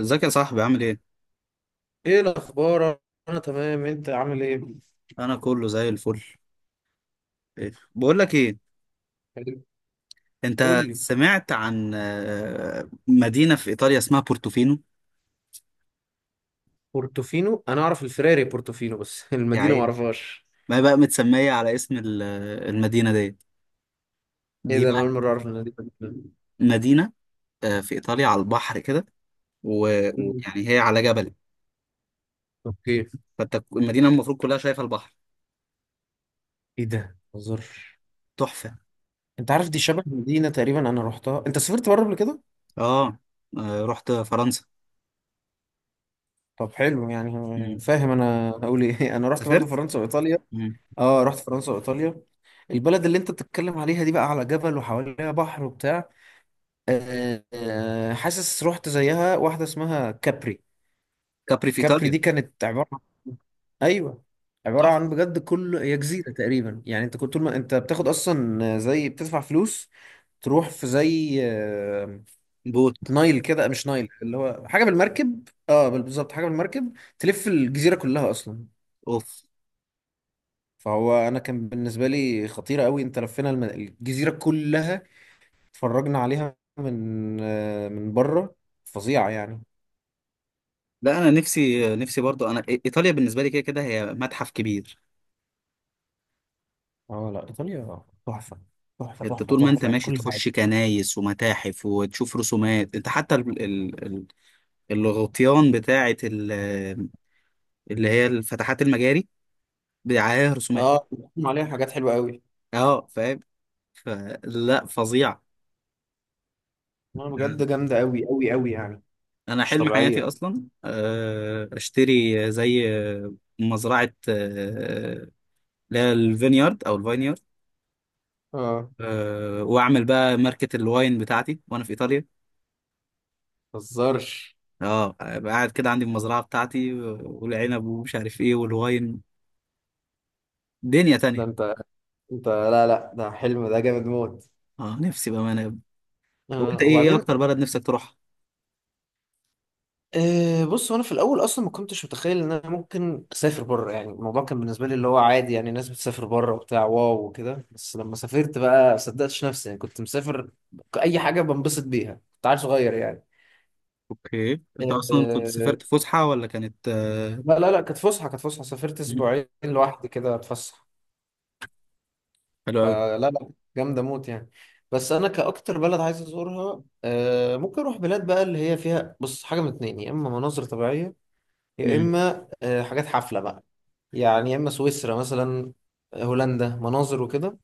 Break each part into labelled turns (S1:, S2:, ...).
S1: ازيك يا صاحبي، عامل ايه؟
S2: ايه الاخبار؟ انا تمام، انت عامل ايه؟
S1: انا كله زي الفل. إيه؟ بقول لك ايه انت.
S2: قول لي.
S1: سمعت عن مدينة في ايطاليا اسمها بورتوفينو.
S2: بورتوفينو، انا اعرف الفراري بورتوفينو بس
S1: يا
S2: المدينه ما
S1: عين.
S2: اعرفهاش.
S1: ما هي بقى متسمية على اسم المدينة ديت
S2: ايه
S1: دي
S2: ده! انا
S1: بقى.
S2: اول مره اعرف المدينه دي.
S1: مدينة في ايطاليا على البحر كده و-
S2: مم.
S1: ويعني هي على جبل.
S2: اوكي.
S1: فانت المدينة المفروض كلها شايفة البحر.
S2: ايه ده! ما اهزرش.
S1: تحفة.
S2: انت عارف، دي شبه مدينه تقريبا انا رحتها. انت سافرت بره قبل كده؟
S1: اه، رحت فرنسا.
S2: طب حلو يعني.
S1: مم.
S2: فاهم انا هقول ايه؟ انا رحت برضه
S1: سافرت.
S2: فرنسا وايطاليا.
S1: مم.
S2: اه، رحت فرنسا وايطاليا. البلد اللي انت بتتكلم عليها دي بقى على جبل وحواليها بحر وبتاع. حاسس رحت زيها واحده اسمها كابري.
S1: كابري في
S2: كابري
S1: ايطاليا.
S2: دي كانت عبارة عن، ايوه، عبارة
S1: تحفة.
S2: عن بجد كل، هي جزيرة تقريبا يعني. انت كنت طول ما انت بتاخد اصلا زي بتدفع فلوس، تروح في زي
S1: بوت.
S2: نايل كده، مش نايل، اللي هو حاجة بالمركب. اه، بالظبط حاجة بالمركب، تلف الجزيرة كلها اصلا.
S1: اوف.
S2: فهو، انا كان بالنسبة لي خطيرة قوي، انت لفينا الجزيرة كلها. اتفرجنا عليها من من بره. فظيعة يعني.
S1: لا، انا نفسي نفسي برضو، انا ايطاليا بالنسبه لي كده كده هي متحف كبير.
S2: اه لا، ايطاليا تحفة. تحفة
S1: انت
S2: تحفة
S1: طول ما انت
S2: تحفة في
S1: ماشي
S2: كل حاجة.
S1: تخش كنايس ومتاحف وتشوف رسومات. انت حتى الغطيان بتاعه، اللي هي الفتحات المجاري، عليها رسومات.
S2: اه، بيقدم عليها حاجات حلوه قوي.
S1: اه فاهم. فلا، فظيع.
S2: انا بجد جامده قوي قوي قوي يعني.
S1: انا
S2: مش
S1: حلم حياتي
S2: طبيعيه.
S1: اصلا اشتري زي مزرعه، اللي هي الفينيارد او الفاينيارد.
S2: اه
S1: واعمل بقى ماركة الواين بتاعتي وانا في ايطاليا.
S2: ما تهزرش.
S1: اه أبقى قاعد كده عندي المزرعه بتاعتي والعنب ومش عارف ايه والواين. دنيا
S2: ده
S1: تانية.
S2: انت، انت لا لا، ده حلم، ده جامد موت.
S1: اه نفسي بامانه يا ابني. طب انت ايه
S2: وبعدين.
S1: اكتر بلد نفسك تروحها؟
S2: بص، هو انا في الاول اصلا ما كنتش متخيل ان انا ممكن اسافر بره يعني. الموضوع كان بالنسبه لي اللي هو عادي يعني، الناس بتسافر بره وبتاع واو وكده. بس لما سافرت بقى ما صدقتش نفسي يعني، كنت مسافر اي حاجه بنبسط بيها، كنت عيل صغير يعني.
S1: اوكي. انت اصلا كنت
S2: آه،
S1: سافرت فسحه ولا كانت
S2: لا لا لا، كانت فسحه. سافرت
S1: مم.
S2: اسبوعين لوحدي كده اتفسح.
S1: حلو قوي.
S2: لا لا، جامدة موت يعني. بس أنا، كأكتر بلد عايز أزورها ممكن أروح بلاد بقى اللي هي فيها، بص، حاجة من اتنين: يا إما مناظر طبيعية، يا
S1: مم.
S2: إما حاجات حفلة بقى. يعني يا إما سويسرا مثلا، هولندا، مناظر وكده.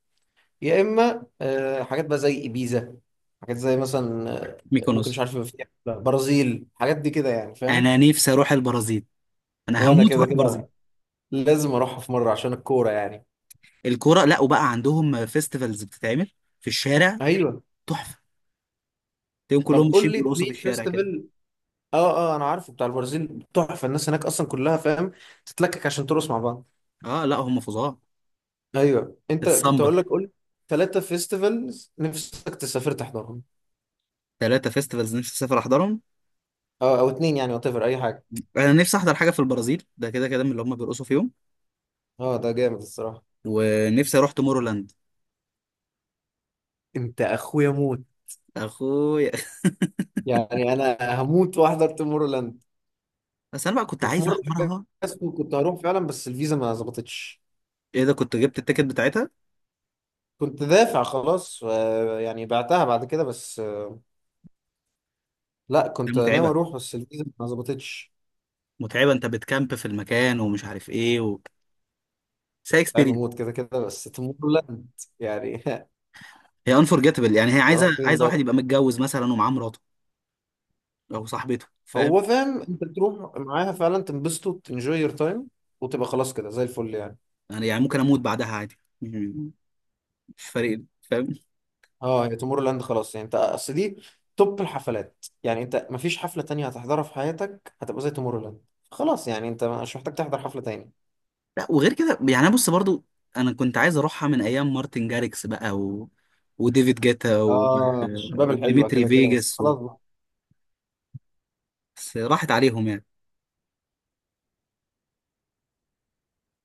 S2: يا إما حاجات بقى زي إبيزا، حاجات زي مثلا ممكن،
S1: ميكونوس.
S2: مش عارف، يبقى فيها حفلة. برازيل حاجات دي كده يعني، فاهم؟
S1: انا نفسي اروح البرازيل. انا
S2: وأنا
S1: هموت
S2: كده
S1: واروح البرازيل.
S2: كده لازم أروحها في مرة عشان الكورة يعني.
S1: الكوره، لا وبقى عندهم فيستيفالز بتتعمل في الشارع.
S2: أيوه.
S1: تحفه. تلاقيهم كلهم
S2: طب
S1: ماشيين
S2: قول لي
S1: بيرقصوا في
S2: اتنين
S1: الشارع كده.
S2: فيستيفال اه اه، انا عارفه، بتاع البرازيل تحفه، الناس هناك اصلا كلها فاهم تتلكك عشان ترقص مع بعض.
S1: اه لا، هم فظاع.
S2: ايوه، انت كنت
S1: السامبا.
S2: هقول لك، قول. 3 فيستيفالز نفسك تسافر تحضرهم.
S1: ثلاثه فيستيفالز نفسي اسافر احضرهم.
S2: اه او اتنين يعني، وات ايفر، اي حاجه.
S1: انا نفسي احضر حاجه في البرازيل ده، كده كده، من اللي هم بيرقصوا فيهم.
S2: اه ده جامد الصراحه.
S1: ونفسي اروح تومورولاند.
S2: انت اخويا موت!
S1: اخويا.
S2: يعني انا هموت واحضر تومورلاند.
S1: بس انا بقى كنت
S2: وفي
S1: عايز
S2: مره
S1: احضرها.
S2: جاسكو كنت هروح فعلا بس الفيزا ما ظبطتش.
S1: ايه ده، كنت جبت التيكت بتاعتها؟
S2: كنت دافع خلاص، يعني بعتها بعد كده بس. لا،
S1: دي
S2: كنت ناوي
S1: متعبه.
S2: اروح بس الفيزا ما ظبطتش.
S1: متعبه، انت بتكامب في المكان ومش عارف ايه بس هي
S2: تعب
S1: اكسبيرينس.
S2: موت كده كده. بس تومورلاند يعني
S1: هي انفورجيتبل، يعني هي
S2: هروح
S1: عايزه
S2: فين
S1: عايزه
S2: بقى؟
S1: واحد يبقى متجوز مثلا ومعاه مراته او صاحبته، فاهم.
S2: هو فاهم، انت تروح معاها فعلا، تنبسطوا، تنجوي يور تايم، وتبقى خلاص كده زي الفل يعني.
S1: يعني يعني ممكن اموت بعدها عادي. مش فارق لي، فاهم.
S2: اه، هي تومورو لاند خلاص يعني، انت اصل دي توب الحفلات يعني. انت مفيش حفلة تانية هتحضرها في حياتك هتبقى زي تومورو لاند. خلاص يعني، انت مش محتاج تحضر حفلة تاني.
S1: لا، وغير كده يعني بص برضو، انا كنت عايز اروحها من ايام مارتن جاريكس بقى وديفيد جيتا
S2: اه الشباب الحلوة
S1: وديمتري
S2: كده كده، بس
S1: فيجاس.
S2: خلاص بقى.
S1: بس راحت عليهم يعني.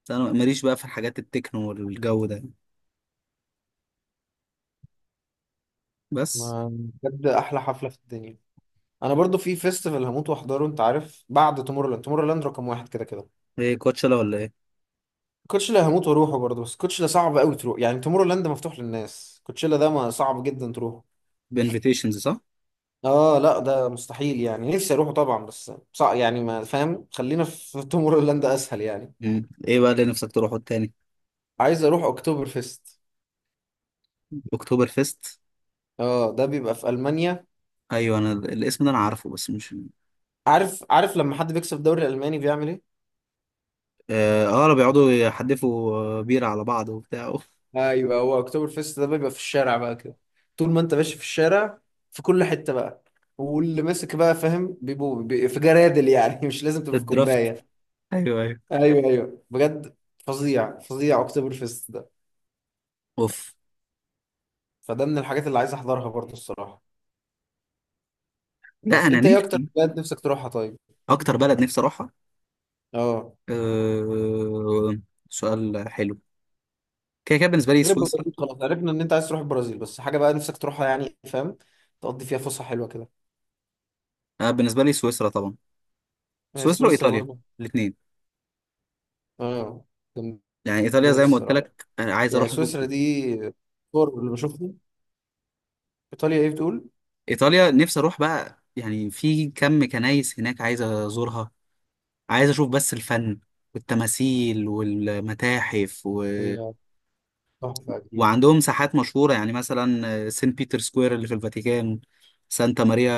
S1: بس انا ماليش بقى في الحاجات التكنو والجو ده يعني. بس.
S2: ما- بجد احلى حفلة في الدنيا. انا برضو في فيستيفال هموت واحضره، انت عارف، بعد تومورو لاند. تومورو لاند رقم واحد كده كده.
S1: ايه كوتشالا ولا ايه؟
S2: كوتشيلا هموت واروحه برضه، بس كوتشيلا صعب قوي تروح يعني. تومورو لاند مفتوح للناس، كوتشيلا ده ما صعب جدا تروحه.
S1: بانفيتيشنز، صح؟
S2: اه لا، ده مستحيل يعني. نفسي اروحه طبعا بس صعب يعني، ما فاهم، خلينا في تومورو لاند اسهل يعني.
S1: مم. ايه بقى اللي نفسك تروحه التاني؟
S2: عايز اروح اكتوبر فيست.
S1: اكتوبر فيست.
S2: اه، ده بيبقى في المانيا.
S1: ايوه، انا الاسم ده انا عارفه بس مش.
S2: عارف، عارف لما حد بيكسب الدوري الالماني بيعمل ايه؟
S1: اه، بيقعدوا يحدفوا بيرة على بعض وبتاع. أوف.
S2: ايوه، هو اكتوبر فيست ده بيبقى في الشارع بقى كده. طول ما انت ماشي في الشارع، في كل حتة بقى. واللي ماسك بقى، فاهم، بيبقوا في جرادل يعني مش لازم تبقى في
S1: الدرافت.
S2: كوباية.
S1: ايوه ايوه.
S2: ايوه ايوه، بجد. فظيع فظيع اكتوبر فيست ده.
S1: اوف.
S2: فده من الحاجات اللي عايز احضرها برضه الصراحه.
S1: لا،
S2: بس
S1: انا
S2: انت ايه اكتر
S1: نفسي.
S2: بلد نفسك تروحها طيب؟
S1: اكتر بلد نفسي اروحها.
S2: اه،
S1: أه... سؤال حلو. كده كده بالنسبه لي
S2: غير
S1: سويسرا.
S2: البرازيل خلاص عرفنا ان انت عايز تروح البرازيل. بس حاجه بقى نفسك تروحها يعني، فاهم، تقضي فيها فسحه حلوه كده.
S1: آه، بالنسبه لي سويسرا طبعا. سويسرا
S2: سويسرا
S1: وايطاليا.
S2: برضه.
S1: الاثنين.
S2: اه جامدة
S1: يعني ايطاليا
S2: موت
S1: زي ما قلت
S2: الصراحه
S1: لك انا عايز
S2: يعني.
S1: اروح اشوف.
S2: سويسرا دي، صور اللي بشوفهم. ايطاليا ايه بتقول؟
S1: ايطاليا نفسي اروح بقى، يعني في كم كنايس هناك عايز ازورها. عايز اشوف بس الفن والتماثيل والمتاحف
S2: هي تحفه اكيد.
S1: وعندهم ساحات مشهورة، يعني مثلا سان بيتر سكوير اللي في الفاتيكان. سانتا ماريا.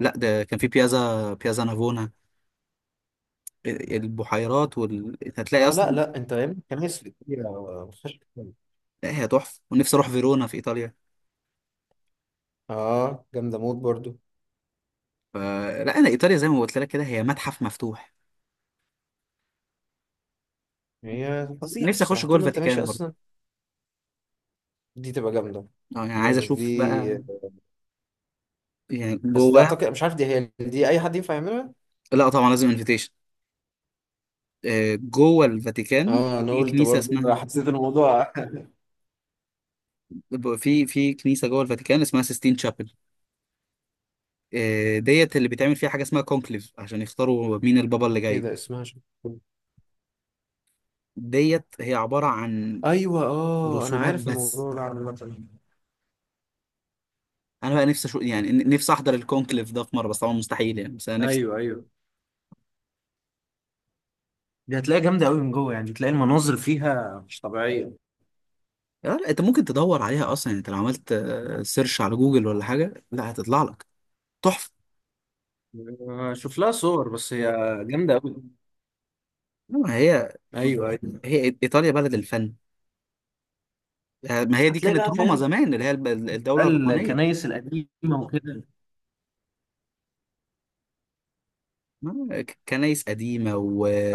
S1: لا، ده كان في بيازا نافونا. البحيرات هتلاقي
S2: اه لا
S1: اصلا.
S2: لا، انت يا ابني، كنايس في ايطاليا ما فيهاش كلام.
S1: لا، هي تحفة، ونفسي اروح فيرونا في ايطاليا.
S2: اه جامده موت برضه.
S1: فلا، انا ايطاليا زي ما قلت لك كده، هي متحف مفتوح.
S2: هي فظيعة
S1: نفسي اخش
S2: الصراحة
S1: جوه
S2: طول ما انت ماشي
S1: الفاتيكان
S2: اصلا.
S1: برضه.
S2: دي تبقى جامدة
S1: اه، يعني عايز
S2: يعني دي.
S1: اشوف بقى. يعني
S2: بس دي
S1: جواه.
S2: اعتقد، مش عارف، دي هي، دي اي حد ينفع يعملها؟
S1: لا طبعا، لازم انفيتيشن. جوه الفاتيكان.
S2: اه انا
S1: في
S2: قلت
S1: كنيسه
S2: برضه،
S1: اسمها،
S2: حسيت الموضوع.
S1: في كنيسه جوه الفاتيكان اسمها سيستين تشابل. ديت اللي بيتعمل فيها حاجه اسمها كونكليف، عشان يختاروا مين البابا اللي
S2: ايه
S1: جاي.
S2: ده اسمها؟ شو؟
S1: ديت هي عباره عن
S2: ايوه اه، انا
S1: رسومات
S2: عارف
S1: بس.
S2: الموضوع ده عامة.
S1: انا بقى نفسي اشوف يعني، نفسي احضر الكونكليف ده في مره، بس طبعا مستحيل يعني، بس انا نفسي.
S2: ايوه ايوه، دي هتلاقيها جامده قوي من جوه يعني، تلاقي المناظر فيها مش طبيعيه.
S1: لا، انت ممكن تدور عليها اصلا. يعني انت لو عملت سيرش على جوجل ولا حاجه، لا، هتطلع لك. تحفه.
S2: شوف لها صور، بس هي جامده قوي.
S1: لا، هي.
S2: ايوه ايوه.
S1: هي ايطاليا بلد الفن. ما
S2: بس
S1: هي دي
S2: هتلاقي
S1: كانت
S2: بقى،
S1: روما
S2: فاهم،
S1: زمان، اللي هي
S2: بقى
S1: الدولة الرومانية.
S2: الكنايس القديمه وكده.
S1: كنايس قديمة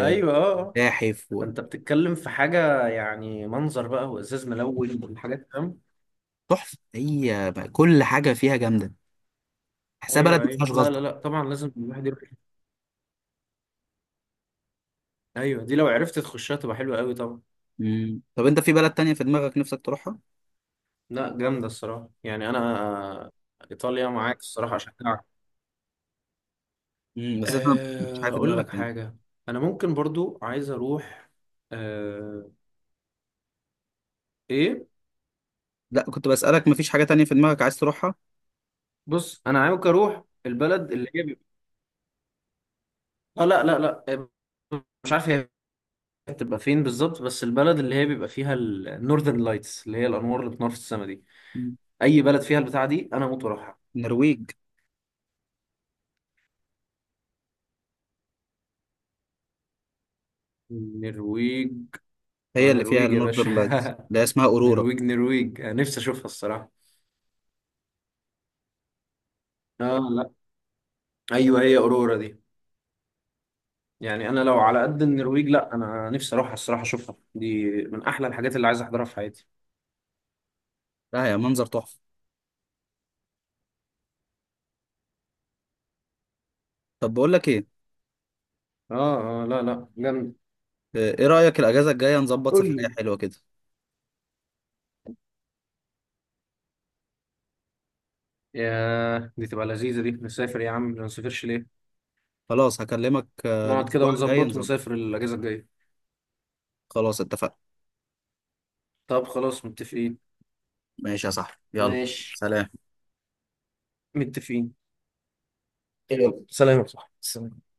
S2: ايوه اه آه. فانت بتتكلم في حاجه يعني، منظر بقى وازاز ملون وحاجات، فاهم.
S1: وتحفة، هي بقى كل حاجة فيها جامدة. تحسها بلد
S2: ايوه
S1: ما فيهاش
S2: ايوه، لا لا
S1: غلطة.
S2: لا، طبعا لازم الواحد يروح. ايوه، دي لو عرفت تخشها تبقى حلوه قوي طبعا.
S1: مم. طب انت في بلد تانية في دماغك نفسك تروحها؟
S2: لا جامده الصراحه يعني انا، ايطاليا معاك الصراحه، اشجعك.
S1: مم. بس انت. مفيش حاجة في
S2: اقول
S1: دماغك
S2: لك
S1: تانية؟
S2: حاجه، انا ممكن برضو عايز اروح أه... ايه.
S1: لا، كنت بسألك مفيش حاجة تانية في دماغك عايز تروحها؟
S2: بص، انا عايز اروح البلد اللي هي بيبقى... اه لا لا لا، مش عارف هي بتبقى فين بالظبط، بس البلد اللي هي بيبقى فيها النورذرن لايتس، اللي هي الانوار اللي بتنور في السماء دي.
S1: مم.
S2: اي بلد فيها البتاع دي انا موت واروحها.
S1: النرويج.
S2: النرويج. لا
S1: هي اللي فيها
S2: النرويج يا باشا!
S1: النورذرن لايتس، اللي هي اسمها اورورا.
S2: نرويج نرويج، أنا نفسي اشوفها الصراحه. اه لا، ايوه، هي اورورا دي. يعني انا لو على قد النرويج، لا، انا نفسي اروحها الصراحه، اشوفها. دي من احلى الحاجات اللي عايز احضرها في حياتي.
S1: لا، يا منظر تحفة. طب بقول لك ايه،
S2: اه اه لا لا، جامد.
S1: ايه رأيك الأجازة الجاية نظبط
S2: قول
S1: سفرية
S2: لي.
S1: حلوة كده؟
S2: يا دي تبقى لذيذه دي! نسافر يا عم، ما نسافرش ليه؟
S1: خلاص، هكلمك
S2: نقعد كده
S1: الأسبوع الجاي
S2: ونظبط
S1: نظبط.
S2: ونسافر الاجازه الجايه.
S1: خلاص اتفقنا.
S2: طب خلاص متفقين.
S1: ماشي يا صاحبي، يلا.
S2: ماشي،
S1: سلام.
S2: متفقين. يلا سلام يا صاحبي، سلام.